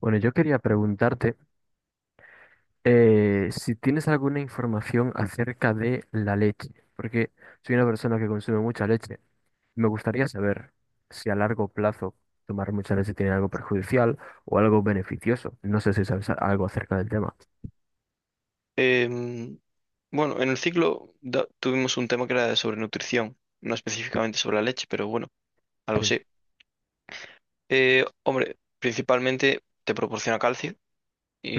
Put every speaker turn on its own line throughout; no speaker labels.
Bueno, yo quería preguntarte si tienes alguna información acerca de la leche, porque soy una persona que consume mucha leche. Me gustaría saber si a largo plazo tomar mucha leche tiene algo perjudicial o algo beneficioso. No sé si sabes algo acerca del tema.
Em, bueno, en el ciclo tuvimos un tema que era sobre nutrición, no
Mm,
específicamente sobre la leche, pero bueno, algo
Sí.
sí. Hombre, principalmente te proporciona calcio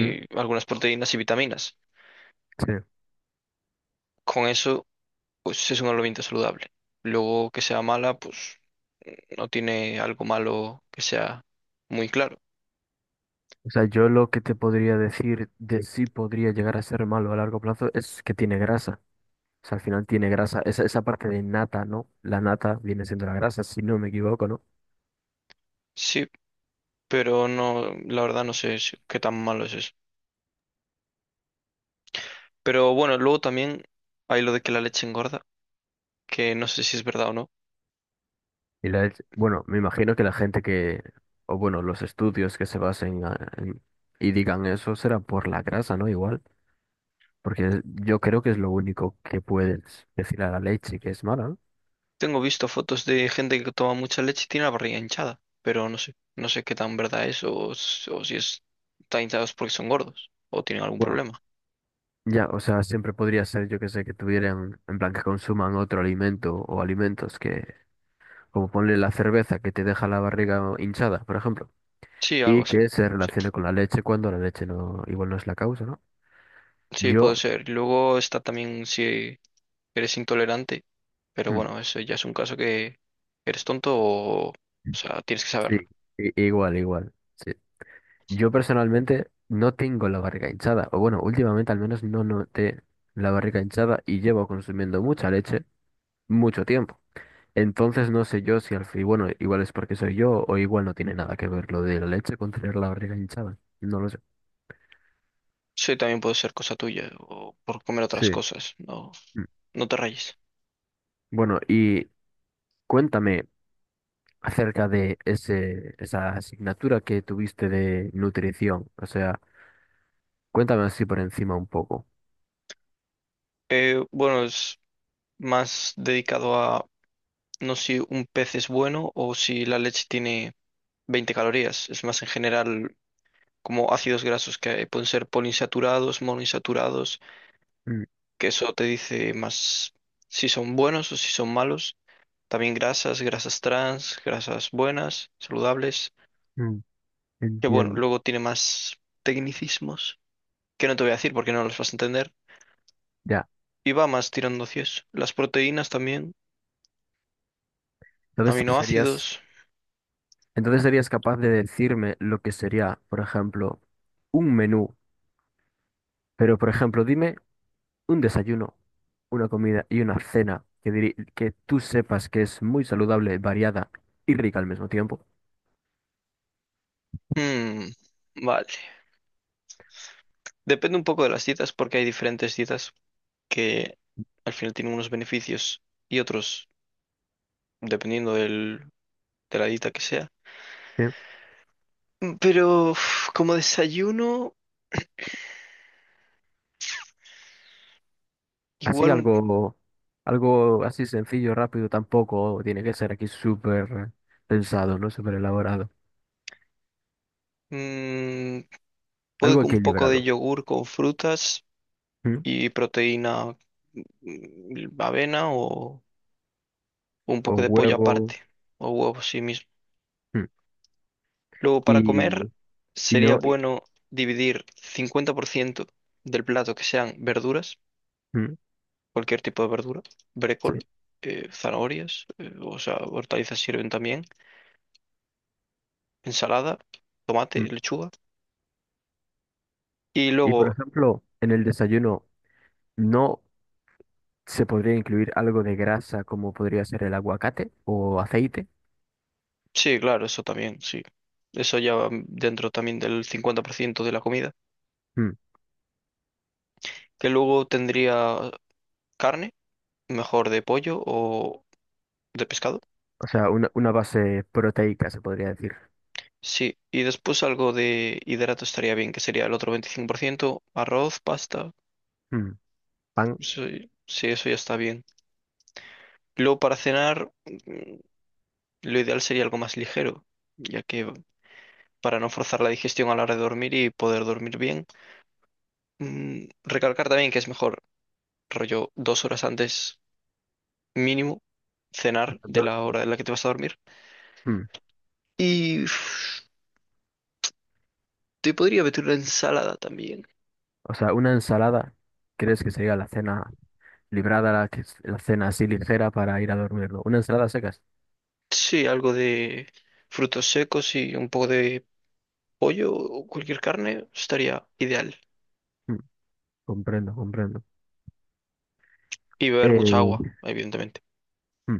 Mm,
algunas proteínas y vitaminas.
sí.
Con eso, pues es un alimento saludable. Luego que sea mala, pues no tiene algo malo que sea muy claro.
O sea, yo lo que te podría decir de si podría llegar a ser malo a largo plazo es que tiene grasa. O sea, al final tiene grasa. Esa parte de nata, ¿no? La nata viene siendo la grasa, si no me equivoco, ¿no?
Sí, pero no, la verdad no sé qué tan malo es eso. Pero bueno, luego también hay lo de que la leche engorda, que no sé si es verdad o no.
Y la, bueno, me imagino que la gente que, o bueno, los estudios que se basen y digan eso será por la grasa, ¿no? Igual, porque yo creo que es lo único que puedes decir a la leche que es mala, ¿no?
Tengo visto fotos de gente que toma mucha leche y tiene la barriga hinchada, pero no sé, no sé qué tan verdad es o, o si es, están hinchados porque son gordos o tienen algún
Bueno,
problema.
ya, o sea, siempre podría ser, yo que sé, que tuvieran, en plan, que consuman otro alimento o alimentos que, como ponle la cerveza que te deja la barriga hinchada, por ejemplo,
Sí, algo
y
así.
que se
Sí,
relacione con la leche cuando la leche no, igual no es la causa, ¿no?
sí, puede
Yo,
ser. Luego está también si eres intolerante, pero
mm,
bueno, eso ya es un caso que eres tonto o sea, tienes que saberlo.
sí, igual, igual. Sí. Yo personalmente no tengo la barriga hinchada, o bueno, últimamente al menos no noté la barriga hinchada y llevo consumiendo mucha leche mucho tiempo. Entonces no sé yo si al fin, bueno, igual es porque soy yo o igual no tiene nada que ver lo de la leche con tener la barriga hinchada. No lo sé.
Sí, también puede ser cosa tuya o por comer otras
Sí.
cosas, no,
Mm.
no te rayes.
Bueno, y cuéntame acerca de esa asignatura que tuviste de nutrición. O sea, cuéntame así por encima un poco.
Bueno, es más dedicado a no si un pez es bueno o si la leche tiene 20 calorías. Es más en general como ácidos grasos que pueden ser poliinsaturados, monoinsaturados,
Mm,
que eso te dice más si son buenos o si son malos. También grasas, grasas trans, grasas buenas, saludables.
mm,
Que bueno,
entiendo.
luego tiene más tecnicismos que no te voy a decir porque no los vas a entender.
Ya.
Y va más tirando hacia eso. Las proteínas también,
Entonces serías...
aminoácidos.
Entonces serías capaz de decirme lo que sería, por ejemplo, un menú, pero por ejemplo, dime un desayuno, una comida y una cena que, que tú sepas que es muy saludable, variada y rica al mismo tiempo.
Hmm, vale. Depende un poco de las dietas porque hay diferentes dietas que al final tiene unos beneficios y otros dependiendo de la dieta que sea.
¿Sí?
Pero uf, como desayuno,
Así
igual un,
algo, algo así sencillo, rápido, tampoco tiene que ser aquí súper pensado, ¿no? Súper elaborado.
mm, puede
Algo
que un poco de
equilibrado.
yogur con frutas
¿M?
y proteína, avena o un
O
poco de pollo aparte
huevo.
o huevos sí mismo.
¿M?
Luego para comer
Y, y
sería
no. y-
bueno dividir 50% del plato que sean verduras,
¿M?
cualquier tipo de verdura, brécol,
Sí,
zanahorias, o sea, hortalizas sirven también, ensalada, tomate,
¿m?
lechuga. Y
Y por
luego,
ejemplo, en el desayuno, no. ¿Se podría incluir algo de grasa como podría ser el aguacate o aceite?
sí, claro, eso también, sí. Eso ya va dentro también del 50% de la comida.
Mm.
Que luego tendría carne, mejor de pollo o de pescado.
O sea, una base proteica se podría decir.
Sí, y después algo de hidrato estaría bien, que sería el otro 25%, arroz, pasta.
Mm. Pan.
Eso- sí, eso ya está bien. Luego para cenar, mm, lo ideal sería algo más ligero, ya que para no forzar la digestión a la hora de dormir y poder dormir bien. Mm, recalcar también que es mejor, rollo, 2 horas antes mínimo, cenar de
do-
la hora en la que te vas a dormir.
mm,
Y uf, te podría meter una ensalada también.
O sea, una ensalada. ¿Crees que sería la cena librada, la, que la cena así ligera para ir a dormir, ¿no? Una ensalada a secas.
Sí, algo de frutos secos y un poco de pollo o cualquier carne estaría ideal.
Mm. Comprendo, comprendo.
Y beber mucha
Eh,
agua, evidentemente.
mm,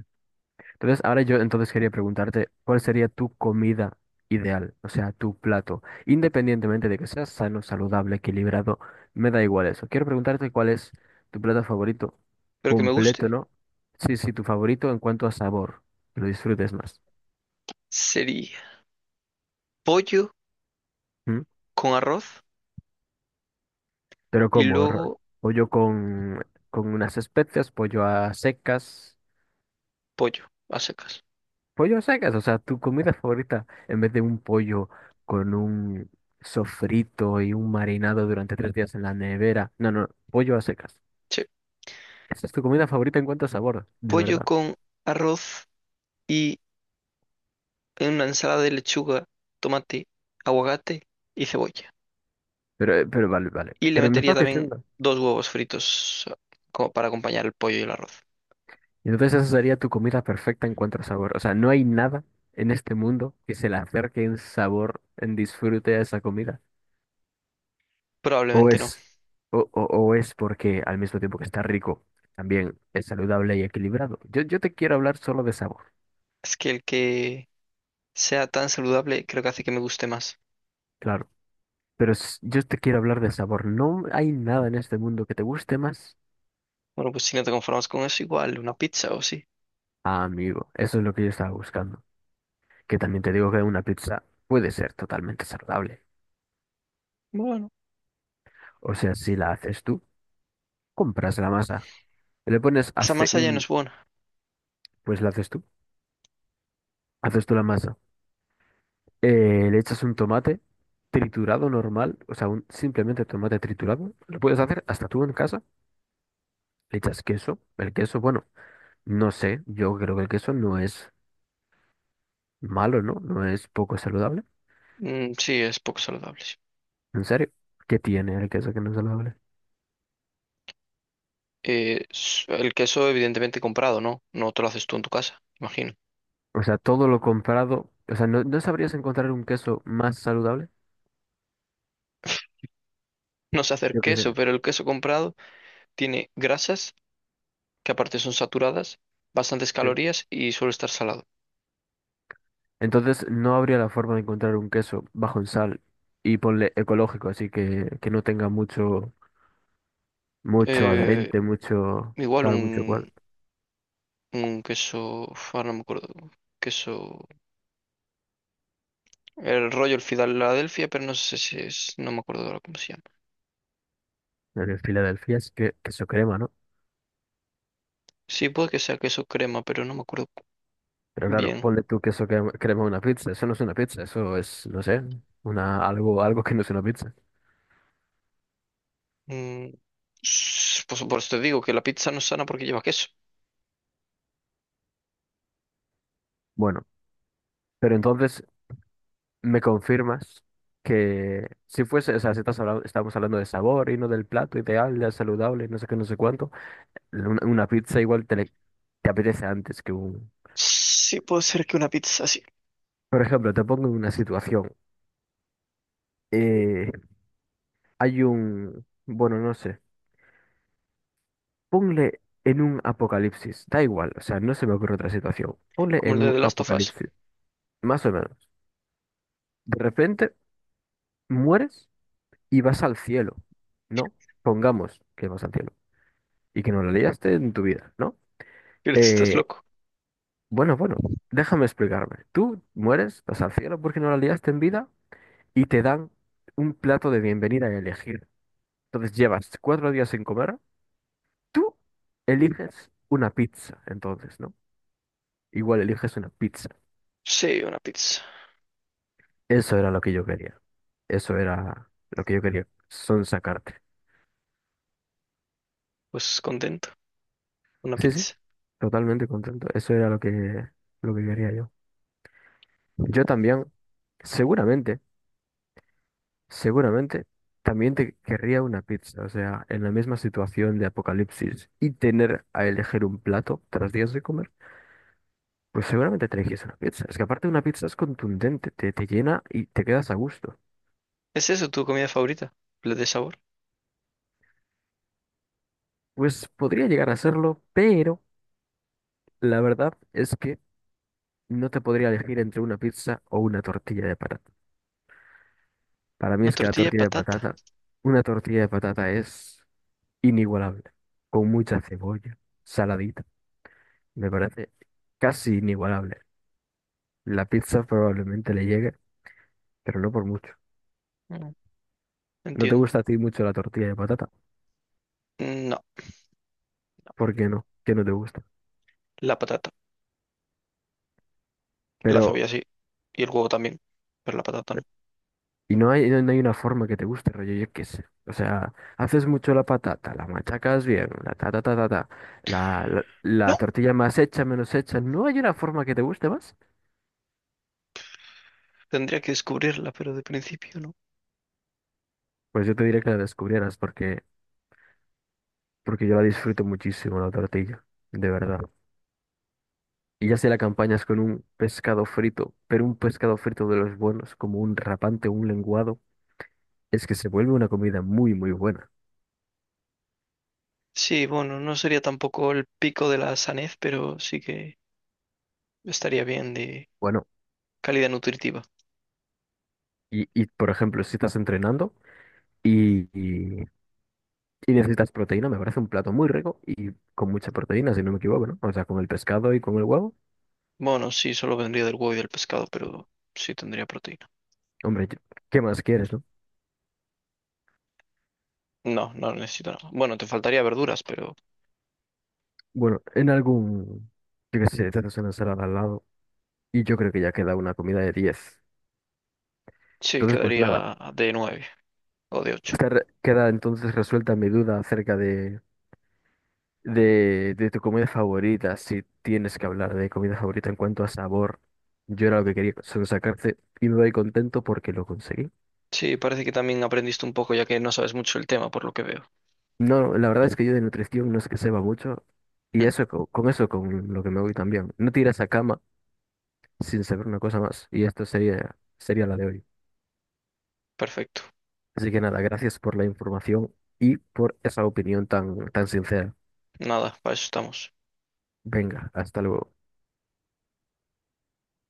Entonces, ahora yo entonces quería preguntarte, ¿cuál sería tu comida ideal? O sea, tu plato. Independientemente de que sea sano, saludable, equilibrado, me da igual eso. Quiero preguntarte cuál es tu plato favorito
Pero que me
completo,
guste
¿no? Sí, sí, tu favorito en cuanto a sabor, que lo disfrutes más.
sería pollo
¿Mm?
con arroz
Pero
y
¿cómo?
luego
Pollo con unas especias, pollo a secas.
pollo a secas.
Pollo a secas, o sea, tu comida favorita, en vez de un pollo con un sofrito y un marinado durante tres días en la nevera. No, no, pollo a secas.
Sí,
Esa es tu comida favorita en cuanto a sabor, de
pollo
verdad.
con arroz y una ensalada de lechuga, tomate, aguacate y cebolla.
Pero vale, vale.
Y le
Pero me
metería
estás
también
diciendo.
2 huevos fritos como para acompañar el pollo y el arroz.
Entonces esa sería tu comida perfecta en cuanto a sabor. O sea, no hay nada en este mundo que se le acerque en sabor, en disfrute a esa comida. O
Probablemente no.
es, o es porque al mismo tiempo que está rico, también es saludable y equilibrado. Yo te quiero hablar solo de sabor.
Es que el que sea tan saludable creo que hace que me guste más.
Claro. Pero yo te quiero hablar de sabor. No hay nada en este mundo que te guste más.
Bueno, pues si no te conformas con eso, igual una pizza o sí.
Ah, amigo, eso es lo que yo estaba buscando. Que también te digo que una pizza puede ser totalmente saludable.
Bueno,
O sea, si la haces tú, compras la masa. Le pones
esa
hace
masa ya no
un...
es buena.
Pues la haces tú. Haces tú la masa. Le echas un tomate triturado normal. O sea, un simplemente tomate triturado. Lo puedes hacer hasta tú en casa. Le echas queso. El queso, bueno, no sé. Yo creo que el queso no es malo, ¿no? No es poco saludable.
Mm, sí, es poco saludable, sí.
¿En serio? ¿Qué tiene el queso que no es saludable?
El queso evidentemente comprado, ¿no? No te lo haces tú en tu casa, imagino.
O sea, todo lo comprado, o sea, ¿no, no sabrías encontrar un queso más saludable?
No sé hacer
Yo qué sé.
queso, pero el queso comprado tiene grasas que aparte son saturadas, bastantes
Sí.
calorías y suele estar salado.
Entonces, no habría la forma de encontrar un queso bajo en sal y ponle ecológico, así que no tenga mucho, mucho
Eh,
adherente, mucho
igual
tal, mucho cual.
un, un queso, uf, ahora no me acuerdo, queso, el rollo, el Filadelfia, pero no sé si es, no me acuerdo ahora cómo se llama.
En el Filadelfia es que, queso crema, ¿no?
Sí, puede que sea queso crema, pero no me acuerdo
Pero claro,
bien.
ponle tú queso crema crema a una pizza, eso no es una pizza, eso es, no sé, una, algo, algo que no es una pizza.
Mm, pues por eso te digo que la pizza no es sana porque lleva queso.
Bueno, pero entonces me confirmas que si fuese, o sea, si estás hablando, estamos hablando de sabor y no del plato ideal, de saludable, no sé qué, no sé cuánto, una pizza igual te, te apetece antes que un...
Sí, puede ser que una pizza así,
Por ejemplo, te pongo en una situación. eh, hay un... Bueno, no sé. Ponle en un apocalipsis. Da igual, o sea, no se me ocurre otra situación. Ponle
como
en
el de
un
The Last of Us.
apocalipsis, más o menos. De repente mueres y vas al cielo, ¿no? Pongamos que vas al cielo y que no la liaste en tu vida, ¿no?
Pero tú estás
Eh,
loco.
Bueno, bueno, déjame explicarme. Tú mueres, vas al cielo porque no la liaste en vida y te dan un plato de bienvenida a elegir. Entonces llevas cuatro días sin comer, tú eliges una pizza, entonces, ¿no? Igual eliges una pizza.
Sí, una pizza.
Eso era lo que yo quería. Eso era lo que yo quería, sacarte.
Pues contento, una
Sí, sí,
pizza.
totalmente contento. Eso era lo que quería yo. Yo también. Seguramente Seguramente también te querría una pizza, o sea, en la misma situación de apocalipsis y tener a elegir un plato tras días de comer, pues seguramente te elegirías una pizza. Es que aparte una pizza es contundente, te llena y te quedas a gusto.
¿Es eso tu comida favorita? ¿La de sabor?
Pues podría llegar a serlo, pero la verdad es que no te podría elegir entre una pizza o una tortilla de patata. Para mí
Una
es que la
tortilla de
tortilla de
patata.
patata, una tortilla de patata es inigualable, con mucha cebolla, saladita, me parece casi inigualable. La pizza probablemente le llegue, pero no por mucho.
Mm,
No te
entiendo.
gusta a ti mucho la tortilla de patata.
No,
¿Por qué no? ¿Qué no te gusta?
la patata. La
Pero,
cebolla sí. Y el huevo también. Pero la patata no.
y no hay, no hay una forma que te guste, rollo, yo qué sé. O sea, haces mucho la patata, la machacas bien, la ta ta ta ta ta, la, la, la
No,
tortilla más hecha, menos hecha. ¿No hay una forma que te guste más?
tendría que descubrirla, pero de principio no.
Pues yo te diré que la descubrieras porque, porque yo la disfruto muchísimo, la tortilla, de verdad. Y ya si la acompañas con un pescado frito, pero un pescado frito de los buenos, como un rapante, un lenguado. Es que se vuelve una comida muy, muy buena.
Sí, bueno, no sería tampoco el pico de la sanez, pero sí que estaría bien de
Bueno,
calidad nutritiva.
por ejemplo, si estás entrenando y, y- y necesitas proteína, me parece un plato muy rico y con mucha proteína, si no me equivoco, ¿no? O sea, con el pescado y con el huevo.
Bueno, sí, solo vendría del huevo y del pescado, pero sí tendría proteína.
Hombre, yo- ¿Qué más quieres, no?
No, no necesito nada. Bueno, te faltaría verduras, pero
Bueno, en algún, yo qué sé, te haces una ensalada al lado y yo creo que ya queda una comida de 10.
sí
Entonces, pues nada,
quedaría de nueve o de ocho.
queda entonces resuelta mi duda acerca de. De tu comida favorita, si tienes que hablar de comida favorita en cuanto a sabor, yo era lo que quería sacarte y me voy contento porque lo conseguí.
Sí, parece que también aprendiste un poco ya que no sabes mucho el tema, por lo que veo.
No, la verdad es que yo de nutrición no sé que sepa mucho y
Mm,
eso con, eso con lo que me voy también. No te irás a cama sin saber una cosa más y esto sería, sería la de hoy.
perfecto.
Así que nada, gracias por la información y por esa opinión tan, tan sincera.
Nada, para eso estamos.
Venga, hasta luego.